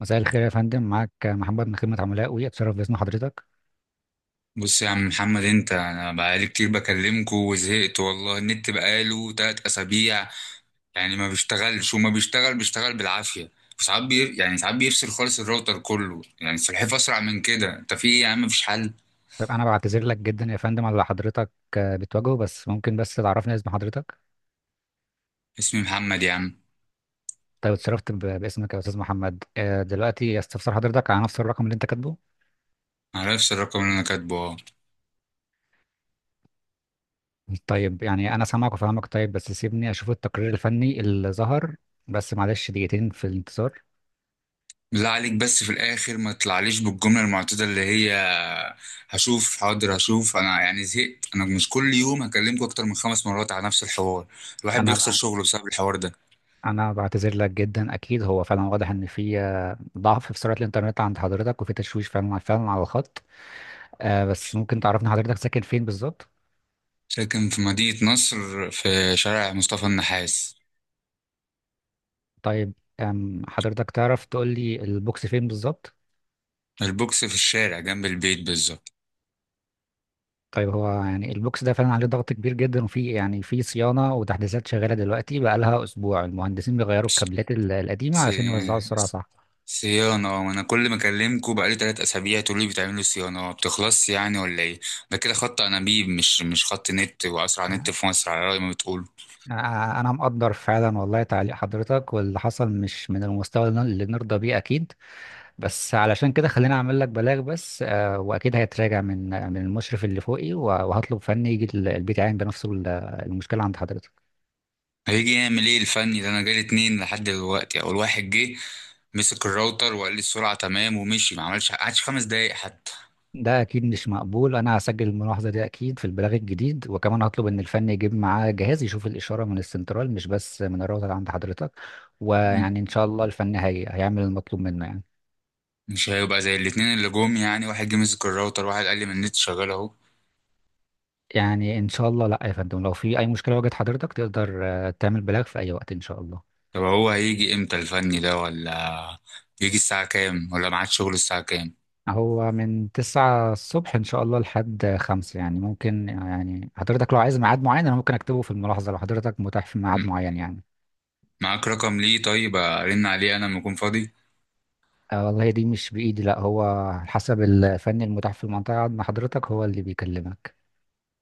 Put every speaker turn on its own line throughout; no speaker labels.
مساء الخير يا فندم، معاك محمد من خدمة عملاء وي، اتشرف باسم حضرتك.
بص يا عم محمد، انت، انا بقالي كتير بكلمكوا وزهقت والله. النت بقاله 3 اسابيع، يعني ما بيشتغلش، وما بيشتغل بيشتغل بالعافيه. وساعات بي... يعني ساعات بيفصل خالص الراوتر كله، يعني السلحفاه اسرع من كده. انت في ايه يا عم؟ مفيش حل؟
طيب، انا بعتذر لك جدا يا فندم على اللي حضرتك بتواجهه. بس ممكن تعرفني اسم حضرتك؟
اسمي محمد يا عم.
طيب، اتشرفت باسمك يا استاذ محمد. دلوقتي، استفسر حضرتك على نفس الرقم اللي انت كاتبه؟
على نفس الرقم اللي انا كاتبه، اه.
طيب يعني انا سامعك وفاهمك. طيب بس سيبني اشوف التقرير الفني اللي ظهر. بس معلش، دقيقتين في الانتظار.
بالله عليك، بس في الاخر ما تطلعليش بالجمله المعتاده اللي هي هشوف حاضر هشوف. انا يعني زهقت، انا مش كل يوم هكلمكوا اكتر من 5 مرات على نفس الحوار. الواحد
انا
بيخسر
بع-
شغله بسبب الحوار ده.
انا بعتذر لك جدا. اكيد هو فعلا واضح ان في ضعف في سرعة الانترنت عند حضرتك، وفي تشويش فعلا فعلا على الخط. بس ممكن تعرفني حضرتك ساكن فين بالظبط؟
ساكن في مدينة نصر، في شارع مصطفى النحاس.
طيب. حضرتك تعرف تقول لي البوكس فين بالظبط؟
البوكس في الشارع جنب البيت بالظبط.
طيب، هو يعني البوكس ده فعلا عليه ضغط كبير جدا، وفي يعني في صيانة وتحديثات شغالة دلوقتي بقالها أسبوع. المهندسين بيغيروا الكابلات القديمة عشان
سي-
يوزعوا السرعة، صح؟
صيانة؟ وأنا كل ما أكلمكوا بقالي 3 أسابيع تقولوا لي بتعملوا صيانة، ما بتخلصش يعني ولا إيه؟ ده كده خط أنابيب مش خط نت، وأسرع نت
يعني
في مصر على رأي ما بتقولوا.
أنا مقدر فعلا والله، تعليق حضرتك واللي حصل مش من المستوى اللي نرضى بيه أكيد. بس علشان كده خليني أعمل لك بلاغ بس، وأكيد هيتراجع من المشرف اللي فوقي، وهطلب فني يجي البيت يعاين بنفسه المشكلة عند حضرتك.
هيجي يعمل إيه الفني ده؟ أنا جالي اتنين لحد دلوقتي، أول واحد جه مسك الراوتر وقال لي السرعة تمام ومشي، ما عملش قعدش 5 دقايق حتى.
ده اكيد مش مقبول. انا هسجل الملاحظه دي اكيد في البلاغ الجديد، وكمان هطلب ان الفني يجيب معاه جهاز يشوف الاشاره من السنترال، مش بس من الراوتر عند حضرتك. ويعني ان شاء الله الفني هيعمل المطلوب منه يعني.
مش هيبقى زي الاتنين اللي جم، يعني واحد جه مسك الراوتر، واحد قال لي من النت شغال اهو.
يعني ان شاء الله. لا يا فندم، لو في اي مشكله واجهت حضرتك تقدر تعمل بلاغ في اي وقت ان شاء الله.
طب هو هيجي امتى الفني ده ولا يجي الساعة كام؟ ولا معاد شغل الساعة كام؟
هو من 9 الصبح ان شاء الله لحد 5 يعني. ممكن يعني حضرتك لو عايز ميعاد معين، انا ممكن اكتبه في الملاحظه لو حضرتك متاح في ميعاد
م-
معين يعني.
معاك رقم ليه؟ طيب ارن عليه انا لما اكون فاضي.
آه والله دي مش بإيدي، لا هو على حسب الفني المتاح في المنطقة عند حضرتك، هو اللي بيكلمك.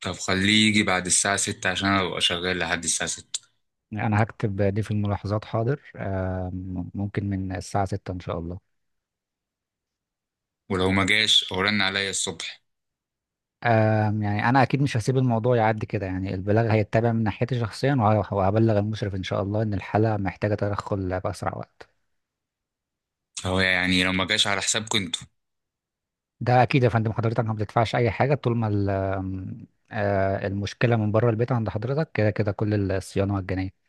طب خليه يجي بعد الساعة 6 عشان أنا ابقى شغال لحد الساعة 6،
أنا هكتب دي في الملاحظات، حاضر. ممكن من الساعة ستة إن شاء الله.
ولو ما جاش هو رن عليا الصبح.
يعني أنا أكيد مش هسيب الموضوع يعدي كده يعني. البلاغ هيتبع من ناحيتي شخصيا، وهبلغ المشرف إن شاء الله إن الحالة محتاجة تدخل بأسرع وقت.
هو يعني لو ما جاش على حسابكم انتوا؟
ده أكيد يا فندم. حضرتك ما بتدفعش أي حاجة طول ما ال- آم، آه، المشكلة من بره البيت عند حضرتك، كده كده كل الصيانة مجانية.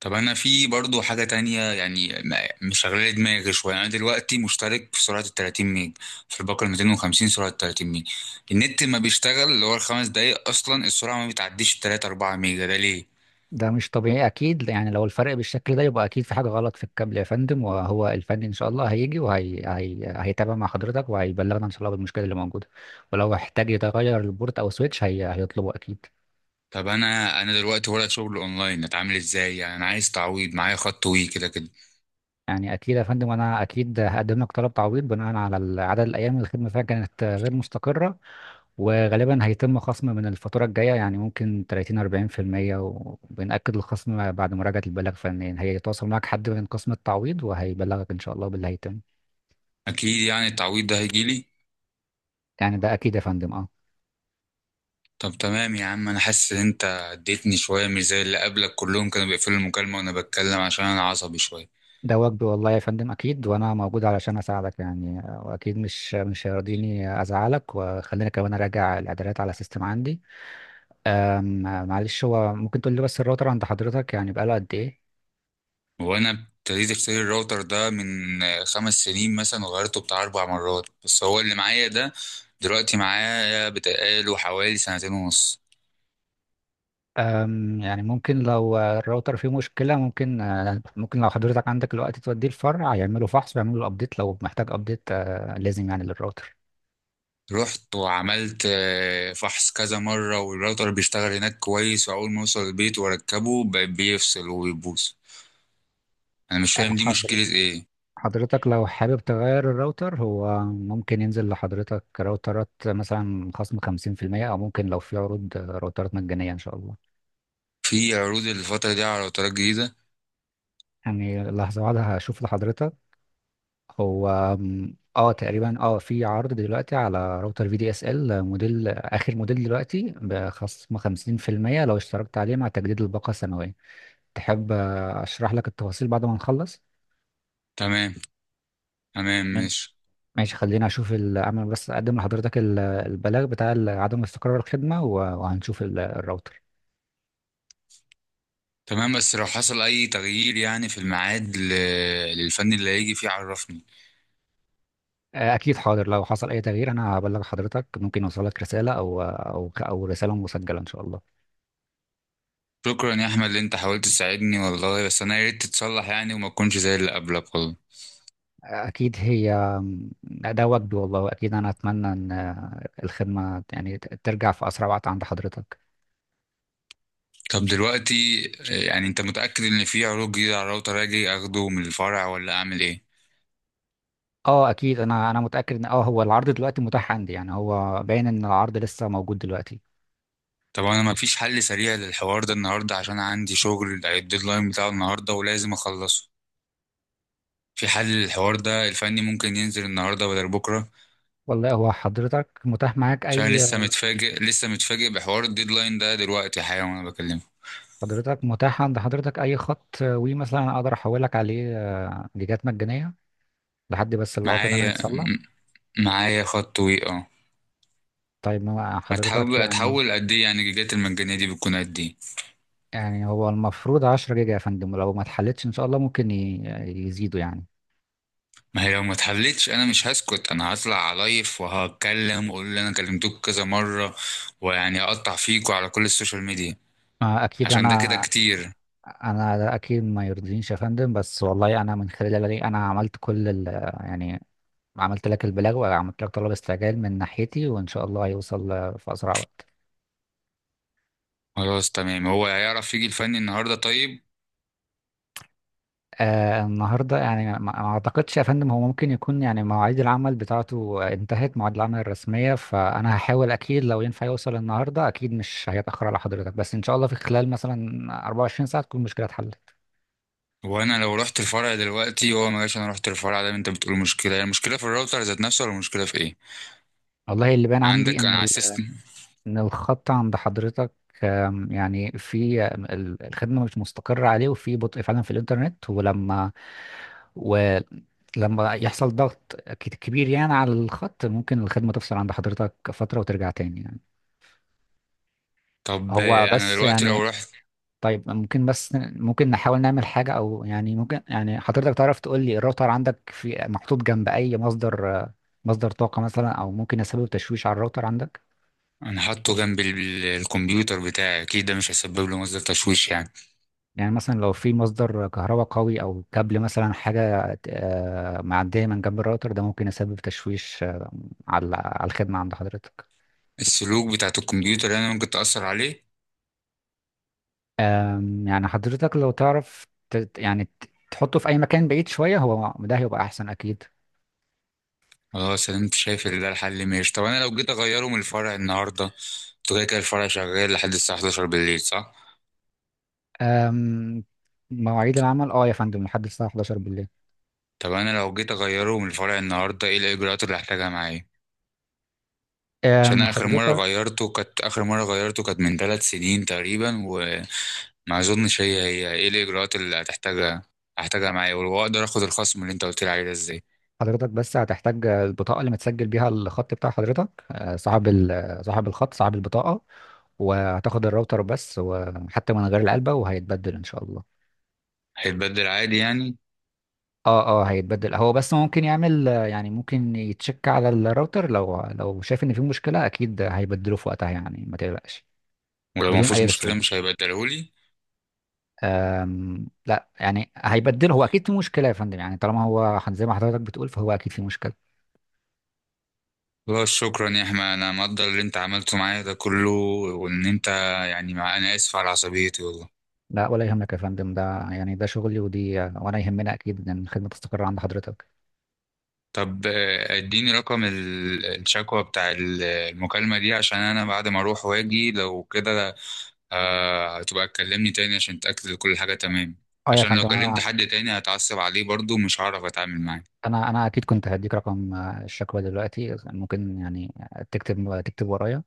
طب انا في برضو حاجه تانية، يعني مشغله دماغي شويه. انا دلوقتي مشترك في سرعه ال 30 ميج، في الباقه ال 250، سرعه 30 ميج، النت ما بيشتغل. اللي هو الخمس دقايق اصلا السرعه ما بتعديش 3 4 ميجا، ده ليه؟
ده مش طبيعي اكيد. يعني لو الفرق بالشكل ده يبقى اكيد في حاجه غلط في الكابل يا فندم. وهو الفني ان شاء الله هيجي وهي هي... هيتابع مع حضرتك، وهيبلغنا ان شاء الله بالمشكله اللي موجوده. ولو احتاج يتغير البورت او سويتش، هيطلبه اكيد.
طب انا دلوقتي ورق شغل اونلاين، اتعامل ازاي يعني؟ انا عايز تعويض، معايا خط وي كده كده.
يعني اكيد يا فندم، انا اكيد هقدم لك طلب تعويض بناء على عدد الايام اللي الخدمه فيها كانت غير مستقره. وغالبا هيتم خصم من الفاتوره الجايه، يعني ممكن 30 40%، وبنأكد الخصم بعد مراجعه البلاغ فنيا. هيتواصل معك حد من قسم التعويض، وهيبلغك ان شاء الله باللي هيتم.
اكيد يعني التعويض ده هيجيلي؟
يعني ده اكيد يا فندم، اه.
طب تمام يا عم، انا حاسس ان انت اديتني شويه، مش زي اللي قبلك كلهم كانوا بيقفلوا المكالمه وانا بتكلم، عشان انا عصبي شويه.
ده واجبي والله يا فندم اكيد، وانا موجود علشان اساعدك يعني. واكيد مش هيرضيني ازعلك. وخلينا كمان اراجع الاعدادات على السيستم عندي. أم، آه، معلش، هو ممكن تقول لي بس الراوتر عند حضرتك يعني بقاله قد ايه؟
وانا ابتديت اشتري الراوتر ده من 5 سنين مثلا، وغيرته بتاع 4 مرات، بس هو اللي معايا ده دلوقتي معايا بتقاله حوالي سنتين ونص.
يعني ممكن لو الراوتر فيه مشكلة، ممكن ممكن لو حضرتك عندك الوقت توديه الفرع يعملوا فحص ويعملوا له ابديت لو محتاج ابديت، لازم يعني للراوتر.
رحت وعملت فحص كذا مرة، والراوتر بيشتغل هناك كويس، وأول ما أوصل البيت وأركبه بيفصل وبيبوظ. أنا مش
آه،
فاهم دي مشكلة
حضرتك
إيه.
حضرتك لو حابب تغير الراوتر، هو ممكن ينزل لحضرتك راوترات مثلا خصم 50%، أو ممكن لو في عروض راوترات مجانية إن شاء الله.
في عروض الفترة دي على راوترات جديدة؟
يعني لحظة واحدة، هشوف لحضرتك. هو اه تقريبا اه في عرض دلوقتي على راوتر في دي اس ال موديل، آخر موديل دلوقتي بخصم 50%، لو اشتركت عليه مع تجديد الباقة سنوية. تحب أشرح لك التفاصيل بعد ما نخلص؟
تمام. تمام ماشي.
ماشي، اعمل بس اقدم لحضرتك البلاغ بتاع عدم استقرار الخدمه، وهنشوف الراوتر.
تمام، بس لو حصل أي تغيير يعني في الميعاد للفني اللي هيجي فيه عرفني.
اكيد حاضر، لو حصل اي تغيير انا هبلغ حضرتك. ممكن يوصلك رساله او رساله مسجله ان شاء الله.
شكرا يا احمد اللي انت حاولت تساعدني والله، بس انا يا ريت تتصلح يعني، وما تكونش زي اللي قبلك والله.
اكيد هي. ده وجدي والله، واكيد انا اتمنى ان الخدمه يعني ترجع في اسرع وقت عند حضرتك.
طب دلوقتي، يعني انت متأكد ان في عروض جديدة على الراوتر؟ اجي اخده من الفرع ولا اعمل ايه؟
اه اكيد، انا متاكد ان هو العرض دلوقتي متاح عندي. يعني هو باين ان العرض لسه موجود دلوقتي.
طب انا ما فيش حل سريع للحوار ده النهارده؟ عشان عندي شغل الديدلاين بتاعه النهارده ولازم اخلصه. في حل للحوار ده؟ الفني ممكن ينزل النهارده بدل بكره؟
والله، هو حضرتك متاح معاك
عشان أنا
اي.
لسه متفاجئ لسه متفاجئ بحوار الديدلاين ده دلوقتي حالا وانا بكلمه.
حضرتك متاح عند حضرتك اي خط وي مثلا اقدر احولك عليه؟ جيجات مجانيه لحد بس العطل ده ما
معايا
يتسلى.
م- معايا خط وي.
طيب ما حضرتك يعني.
هتحول قد ايه يعني؟ الجيجات المجانية دي بتكون قد ايه؟
يعني هو المفروض 10 جيجا يا فندم، ولو ما اتحلتش ان شاء الله ممكن يزيدوا يعني.
ما هي لو ما اتحلتش انا مش هسكت، انا هطلع عليف وهتكلم واقول اللي انا كلمتوك كذا مرة، ويعني اقطع فيكوا على كل السوشيال ميديا
اكيد
عشان ده كده
انا.
كتير.
انا، ده اكيد ما يرضينيش يا فندم، بس والله انا من خلال اللي انا عملت كل ال. يعني عملت لك البلاغ، وعملت لك طلب استعجال من ناحيتي، وان شاء الله هيوصل في اسرع وقت.
خلاص تمام، هو هيعرف يجي الفني النهاردة طيب؟
آه النهارده يعني، ما اعتقدش يا فندم. هو ممكن يكون يعني مواعيد العمل بتاعته انتهت، مواعيد العمل الرسميه. فانا هحاول اكيد، لو ينفع يوصل النهارده اكيد مش هيتاخر على حضرتك، بس ان شاء الله في خلال مثلا 24 ساعه تكون المشكله اتحلت.
وانا لو رحت الفرع دلوقتي هو ما جاش، انا رحت الفرع ده، انت بتقول مشكلة. هي المشكلة في الراوتر ذات نفسه ولا المشكلة في ايه؟
والله اللي باين عندي
عندك انا على السيستم.
ان الخط عند حضرتك. يعني في الخدمه مش مستقره عليه، وفي بطء فعلا في الانترنت، و لما يحصل ضغط كبير يعني على الخط، ممكن الخدمة تفصل عند حضرتك فترة وترجع تاني يعني.
طب
هو
انا
بس
دلوقتي لو
يعني.
رحت.
طيب، ممكن نحاول نعمل حاجة أو يعني ممكن، يعني حضرتك تعرف تقول لي الراوتر عندك في محطوط جنب أي مصدر، مصدر طاقة مثلا أو ممكن يسبب تشويش على الراوتر عندك؟
انا حاطه جنب الكمبيوتر بتاعي، اكيد ده مش هيسبب له مصدر تشويش يعني.
يعني مثلا لو في مصدر كهرباء قوي أو كابل مثلا حاجة معدية من جنب الراوتر ده، ممكن يسبب تشويش على الخدمة عند حضرتك.
السلوك بتاعت الكمبيوتر يعني ممكن تأثر عليه؟
يعني حضرتك لو تعرف تحطه في أي مكان بعيد شوية، هو ده هيبقى أحسن أكيد.
خلاص انا شايف ان ده الحل، ماشي. طب انا لو جيت اغيره من الفرع النهارده، انتوا كده كده الفرع شغال لحد الساعه 11 بالليل، صح؟
أم، مواعيد العمل اه يا فندم لحد الساعة 11 بالليل.
طب انا لو جيت اغيره من الفرع النهارده ايه الاجراءات اللي هحتاجها معايا؟ عشان
أم،
اخر مره
حضرتك
غيرته كانت من 3 سنين تقريبا، وما اظنش. هي هي ايه الاجراءات اللي هحتاجها معايا، واقدر اخد الخصم اللي انت قلت لي عليه ده ازاي؟
حضرتك بس هتحتاج البطاقة اللي متسجل بيها الخط بتاع حضرتك. صاحب صاحب الخط، صاحب البطاقة. وهتاخد الراوتر بس وحتى من غير العلبة، وهيتبدل ان شاء الله.
هيتبدل عادي يعني؟
اه اه، هيتبدل. هو بس ممكن يعمل يعني، ممكن يتشك على الراوتر، لو شايف ان في مشكلة اكيد هيبدله في وقتها يعني، ما تقلقش.
ولو ما
بدون
فيهوش
اي
مشكله
رسوم.
مش هيبدلهولي؟
لا يعني هيبدله، هو اكيد في مشكله يا فندم يعني، طالما هو زي ما حضرتك بتقول فهو اكيد في مشكله.
لا شكرا يا احمد، انا مقدر اللي انت عملته معايا ده كله، وان انت يعني مع، انا اسف على عصبيتي والله.
لا ولا يهمك يا فندم، ده يعني ده شغلي ودي، وانا يهمنا اكيد ان الخدمه تستقر عند حضرتك.
طب اديني رقم الشكوى بتاع المكالمة دي، عشان انا بعد ما اروح واجي لو كده هتبقى تكلمني تاني عشان تأكد إن كل حاجة تمام،
اه يا
عشان لو
فندم،
كلمت
انا.
حد تاني هتعصب عليه برضو مش هعرف اتعامل معاه.
انا اكيد كنت هديك رقم الشكوى دلوقتي. ممكن يعني تكتب تكتب ورايا.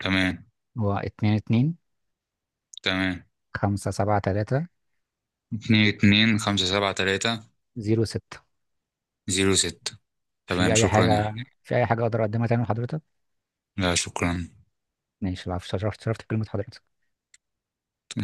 تمام.
هو اتنين اتنين
تمام.
خمسة سبعة تلاتة
اتنين اتنين خمسة سبعة تلاتة
زيرو ستة
زيرو ستة
في
تمام،
اي
شكرا يا
حاجه؟
احمد.
في اي حاجه اقدر اقدمها تاني لحضرتك؟
لا، شكرا.
ماشي، العفو. شرفت شرفت بكلمه حضرتك.